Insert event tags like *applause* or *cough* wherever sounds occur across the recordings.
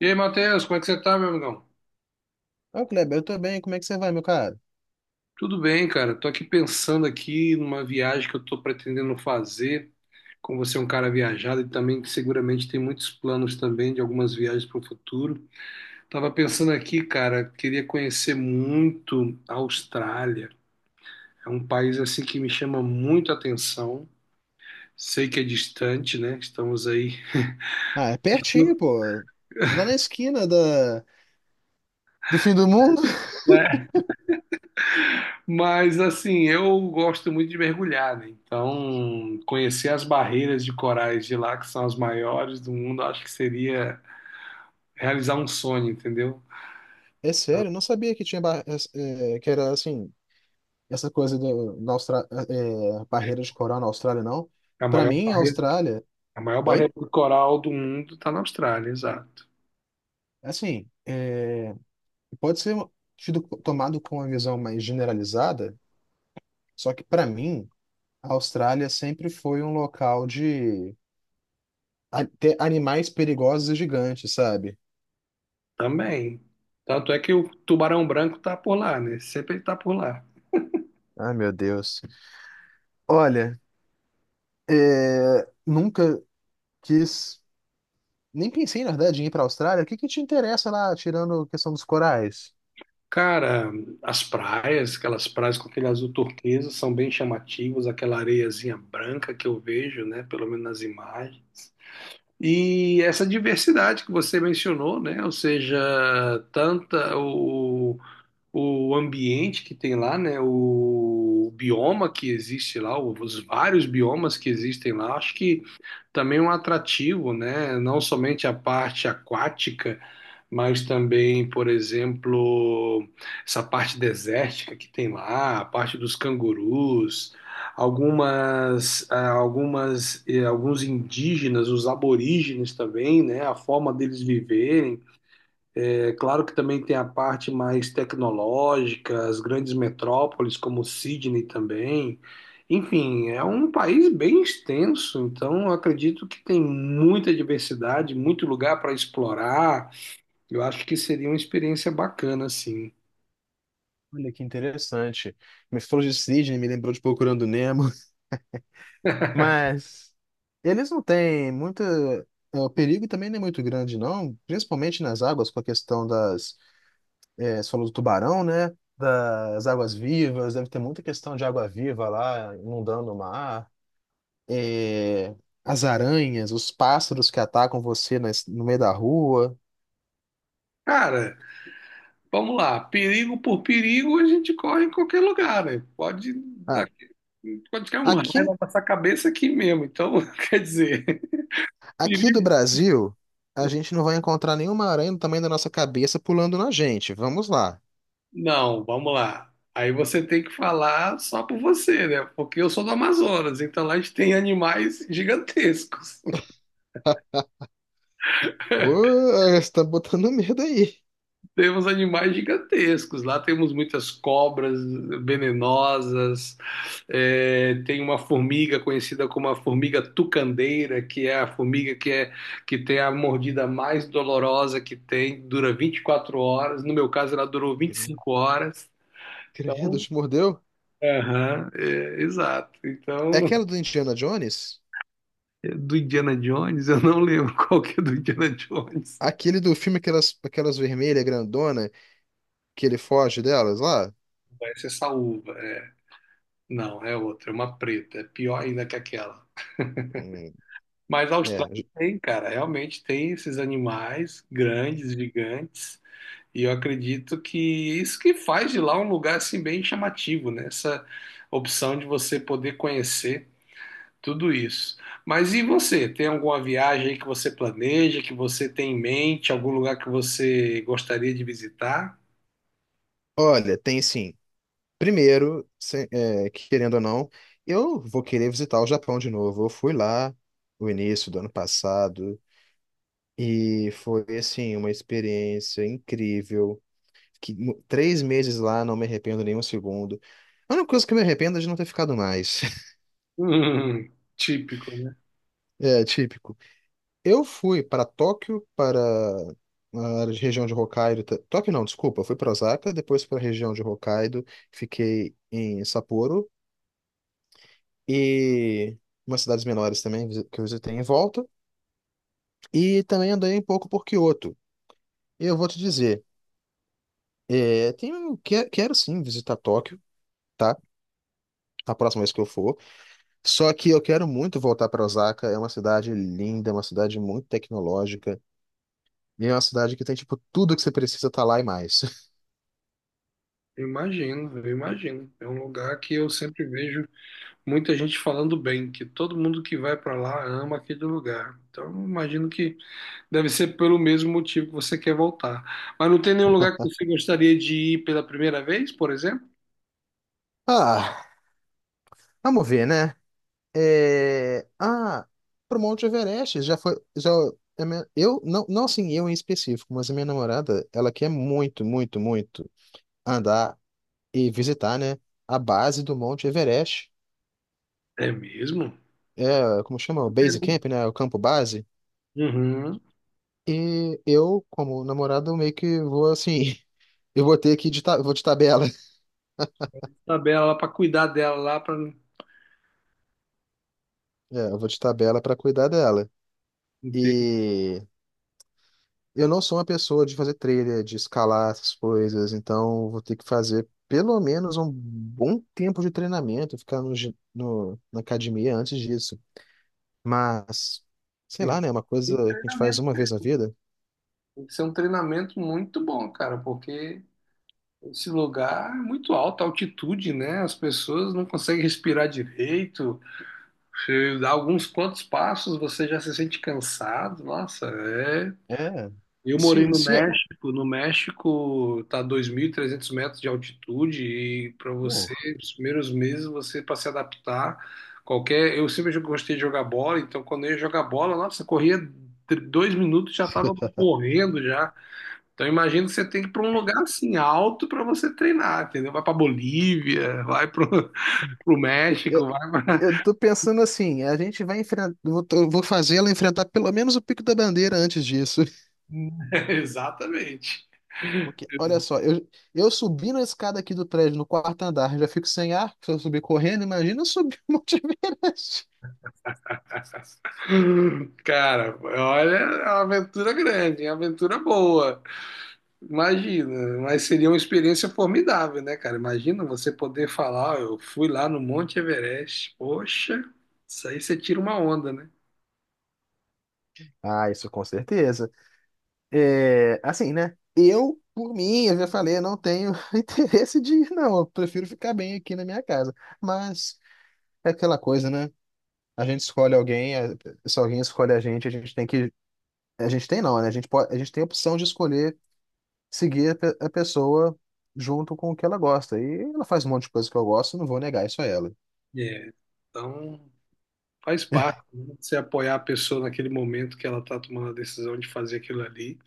E aí, Matheus, como é que você tá, meu amigão? Ô, Kleber, eu tô bem, como é que você vai, meu cara? Tudo bem, cara. Tô aqui pensando aqui numa viagem que eu tô pretendendo fazer. Como você é um cara viajado e também que seguramente tem muitos planos também de algumas viagens para o futuro. Tava pensando aqui, cara, queria conhecer muito a Austrália. É um país assim que me chama muito a atenção. Sei que é distante, né? Estamos aí. Ah, é pertinho, pô. Lá na esquina da... do fim do mundo. *laughs* Mas assim, eu gosto muito de mergulhar, né? Então, conhecer as barreiras de corais de lá, que são as maiores do mundo, acho que seria realizar um sonho, entendeu? É sério, eu não sabia que tinha bar... que era assim, essa coisa da Austra... é, barreira de coral na Austrália, não. É A Pra maior mim, a barreira, Austrália. a maior barreira Oi? do coral do mundo está na Austrália, exato. Assim, é, pode ser tido, tomado com uma visão mais generalizada, só que pra mim, a Austrália sempre foi um local de ter animais perigosos e gigantes, sabe? Também. Tanto é que o tubarão branco está por lá, né? Sempre ele está por lá. Ai, meu Deus. Olha. É, nunca quis, nem pensei, na verdade, em ir para a Austrália. O que que te interessa lá, tirando a questão dos corais? Cara, as praias, aquelas praias com aquele azul turquesa, são bem chamativas, aquela areiazinha branca que eu vejo, né? Pelo menos nas imagens. E essa diversidade que você mencionou, né? Ou seja, tanta o, o ambiente que tem lá, né? O bioma que existe lá, os vários biomas que existem lá, acho que também é um atrativo, né? Não somente a parte aquática, mas também, por exemplo, essa parte desértica que tem lá, a parte dos cangurus, algumas, ah, algumas, eh, alguns indígenas, os aborígenes também, né? A forma deles viverem. É claro que também tem a parte mais tecnológica, as grandes metrópoles como Sydney também. Enfim, é um país bem extenso, então eu acredito que tem muita diversidade, muito lugar para explorar. Eu acho que seria uma experiência bacana, assim. Olha que interessante. Me falou de Sydney, me lembrou de Procurando Nemo. *laughs* Mas eles não têm muita. O perigo também não é muito grande, não, principalmente nas águas, com a questão das. É, você falou do tubarão, né? Das águas vivas, deve ter muita questão de água viva lá inundando o mar. é, as aranhas, os pássaros que atacam você no meio da rua. Cara, vamos lá, perigo por perigo a gente corre em qualquer lugar, né? Dar, Ah, Pode cair um raio aqui, na nossa cabeça aqui mesmo, então *laughs* quer dizer, aqui do perigo Brasil, a gente não vai encontrar nenhuma aranha do tamanho da nossa cabeça pulando na gente. Vamos lá. Não, vamos lá. Aí você tem que falar só por você, né? Porque eu sou do Amazonas, então lá a gente tem animais gigantescos. Ô, *laughs* você tá botando medo aí. Temos animais gigantescos. Lá temos muitas cobras venenosas, é, tem uma formiga conhecida como a formiga tucandeira, que é a formiga que tem a mordida mais dolorosa que tem, dura 24 horas. No meu caso, ela durou vinte e Cre- cinco horas. Credo, Então, te mordeu? aham, é, exato. É Então, aquela do Indiana Jones? do Indiana Jones, eu não lembro *laughs* qual que é do Indiana Jones. Aquele do filme, aquelas vermelhas grandona que ele foge delas lá? Essa é saúva, é. Não, é outra, é uma preta, é pior ainda que aquela. Hum, Mas a é. Austrália tem, cara, realmente tem esses animais grandes, gigantes, e eu acredito que isso que faz de lá um lugar assim bem chamativo, né? Essa opção de você poder conhecer tudo isso. Mas e você? Tem alguma viagem aí que você planeja, que você tem em mente, algum lugar que você gostaria de visitar? Olha, tem sim. Primeiro, é, querendo ou não, eu vou querer visitar o Japão de novo. Eu fui lá no início do ano passado e foi, assim, uma experiência incrível. Que, três meses lá, não me arrependo nem um segundo. A única coisa que eu me arrependo é de não ter ficado mais. *laughs* *laughs* Típico, né? É típico. Eu fui para Tóquio, para a região de Hokkaido. Tóquio não, desculpa. Eu fui para Osaka, depois para a região de Hokkaido. Fiquei em Sapporo e umas cidades menores também que eu visitei em volta. E também andei um pouco por Kyoto. E eu vou te dizer, quero sim visitar Tóquio, tá? A próxima vez que eu for. Só que eu quero muito voltar para Osaka. É uma cidade linda, uma cidade muito tecnológica. E é uma cidade que tem, tipo, tudo que você precisa tá lá e mais. *laughs* Eu imagino, eu imagino. É um lugar que eu sempre vejo muita gente falando bem, que todo mundo que vai pra lá ama aquele lugar. Então, eu imagino que deve ser pelo mesmo motivo que você quer voltar. Mas não tem nenhum lugar que você gostaria de ir pela primeira vez, por exemplo? Ah, vamos ver, né? É... Ah, pro Monte Everest já foi. Já... Eu, não, não assim, eu em específico, mas a minha namorada, ela quer muito, muito, muito andar e visitar, né? A base do Monte Everest. É mesmo? É, como chama? O Base Camp, né? O campo base. Uhum. E eu, como namorado, meio que vou assim. *laughs* Eu vou ter vou de tabela. *laughs* Tabela lá para cuidar dela lá para É, eu vou de tabela pra cuidar dela. tem Eu não sou uma pessoa de fazer trilha, de escalar essas coisas, então vou ter que fazer pelo menos um bom tempo de treinamento, ficar na academia antes disso. Mas, sei lá, né? Uma coisa tem que ter que a gente faz treinamento. uma vez na vida. Tem que ser um treinamento muito bom, cara, porque esse lugar é muito alto, a altitude, né? As pessoas não conseguem respirar direito. Você dá alguns quantos passos, você já se sente cansado. Nossa, é. É. Eu morei Se, no se é- México. No México tá 2.300 metros de altitude e para Pô, você, nos primeiros meses, você para se adaptar, qualquer. Eu sempre gostei de jogar bola, então quando eu ia jogar bola, nossa, corria 2 minutos já estava morrendo já. Então imagino que você tem que ir para um lugar assim alto para você treinar, entendeu? Vai para Bolívia, vai para o *laughs* eu, México, vai para... eu tô pensando assim, a gente vai enfrentar. Eu vou fazer ela enfrentar pelo menos o Pico da Bandeira antes disso. *laughs* Exatamente. Porque, olha só, eu subi na escada aqui do prédio, no quarto andar, já fico sem ar, se eu subir correndo, imagina eu subir o Monte Everest. Cara, olha, é uma aventura grande, é uma aventura boa. Imagina, mas seria uma experiência formidável, né, cara? Imagina você poder falar, "Ó, eu fui lá no Monte Everest. Poxa, isso aí você tira uma onda, né? Ah, isso com certeza. É, assim, né? Eu, por mim, eu já falei, eu não tenho *laughs* interesse de ir, não. Eu prefiro ficar bem aqui na minha casa. Mas é aquela coisa, né? A gente escolhe alguém, se alguém escolhe a gente tem que. A gente tem não, né? A gente pode, a gente tem a opção de escolher seguir a a pessoa junto com o que ela gosta. E ela faz um monte de coisa que eu gosto, não vou negar isso a ela. É. Então, faz parte, né? Você apoiar a pessoa naquele momento que ela está tomando a decisão de fazer aquilo ali.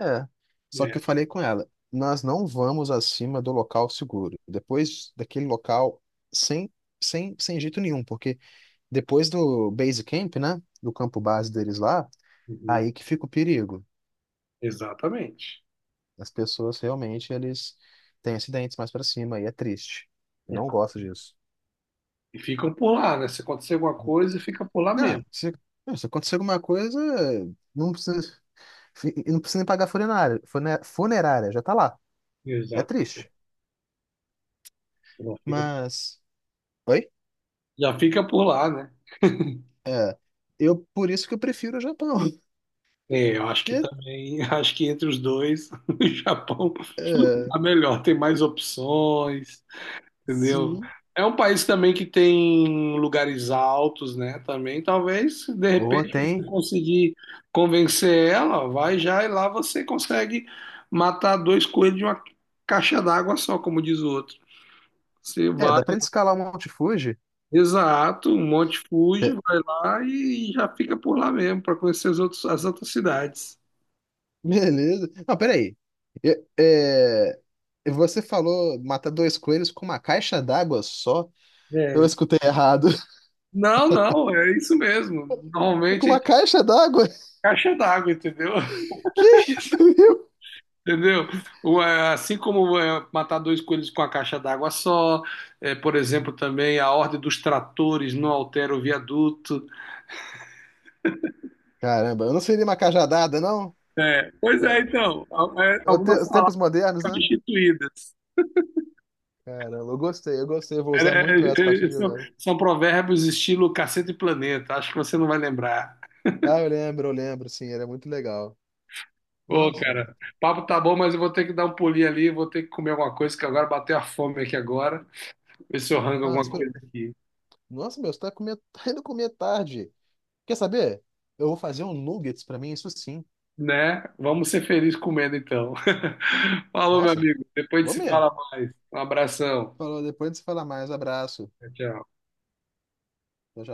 É. Só que Né? eu falei com ela, nós não vamos acima do local seguro. Depois daquele local, sem, sem jeito nenhum, porque depois do base camp, né, do campo base deles lá, Uhum. aí que fica o perigo. Exatamente. As pessoas realmente, eles têm acidentes mais pra cima e é triste. É. Não gosto disso. E ficam por lá, né? Se acontecer alguma coisa, fica por lá Ah, mesmo. Se acontecer alguma coisa, não precisa, não precisa nem pagar funerária, funerária, já tá lá. É Exato. triste. Já fica, Mas... Oi? Já fica por lá, né? É, eu por isso que eu prefiro o Japão. *laughs* É, eu acho que É, também, *laughs* acho que entre os dois, *laughs* o Japão é, tá melhor, tem mais opções. Entendeu? sim. É um país também que tem lugares altos, né? Também, talvez, de Ou repente, você tem. conseguir convencer ela, vai já e lá você consegue matar dois coelhos de uma caixa d'água só, como diz o outro. Você É, vai, dá pra gente escalar o Monte Fuji? exato, um monte fuge, Pe- vai lá e já fica por lá mesmo, para conhecer as outras cidades. Beleza. Não, peraí. Eu- é, você falou matar dois coelhos com uma caixa d'água só? Eu É. escutei errado. *laughs* Não, não, é isso mesmo. Com Normalmente é de uma caixa d'água? *laughs* caixa d'água, entendeu? Que isso, meu? Entendeu? Assim como é, matar dois coelhos com a caixa d'água só, é, por exemplo, também a ordem dos tratores não altera o viaduto. Caramba, eu não seria uma cajadada, não? É, pois é, então, al- é, algumas Os palavras tempos modernos, né? substituídas. Caramba, eu gostei. Eu vou É, usar muito essa a é, partir é, de são, agora. são provérbios estilo Cacete e Planeta, acho que você não vai lembrar. Ah, eu lembro, sim, era muito legal. Ô, Nossa. cara, papo tá bom, mas eu vou ter que dar um pulinho ali, vou ter que comer alguma coisa, que agora bateu a fome aqui agora. Ver se eu rango Ah, alguma coisa espera- aqui. Nossa, meu, você tá, comer... *laughs* tá indo comer tarde. Quer saber? Eu vou fazer um nuggets pra mim, isso sim. Né? Vamos ser felizes comendo então. *laughs* Falou, meu Nossa, amigo. Depois a vou gente se mesmo. fala mais. Um abração. Falou, depois você fala mais. Abraço. Tchau, tchau. Tchau, tchau.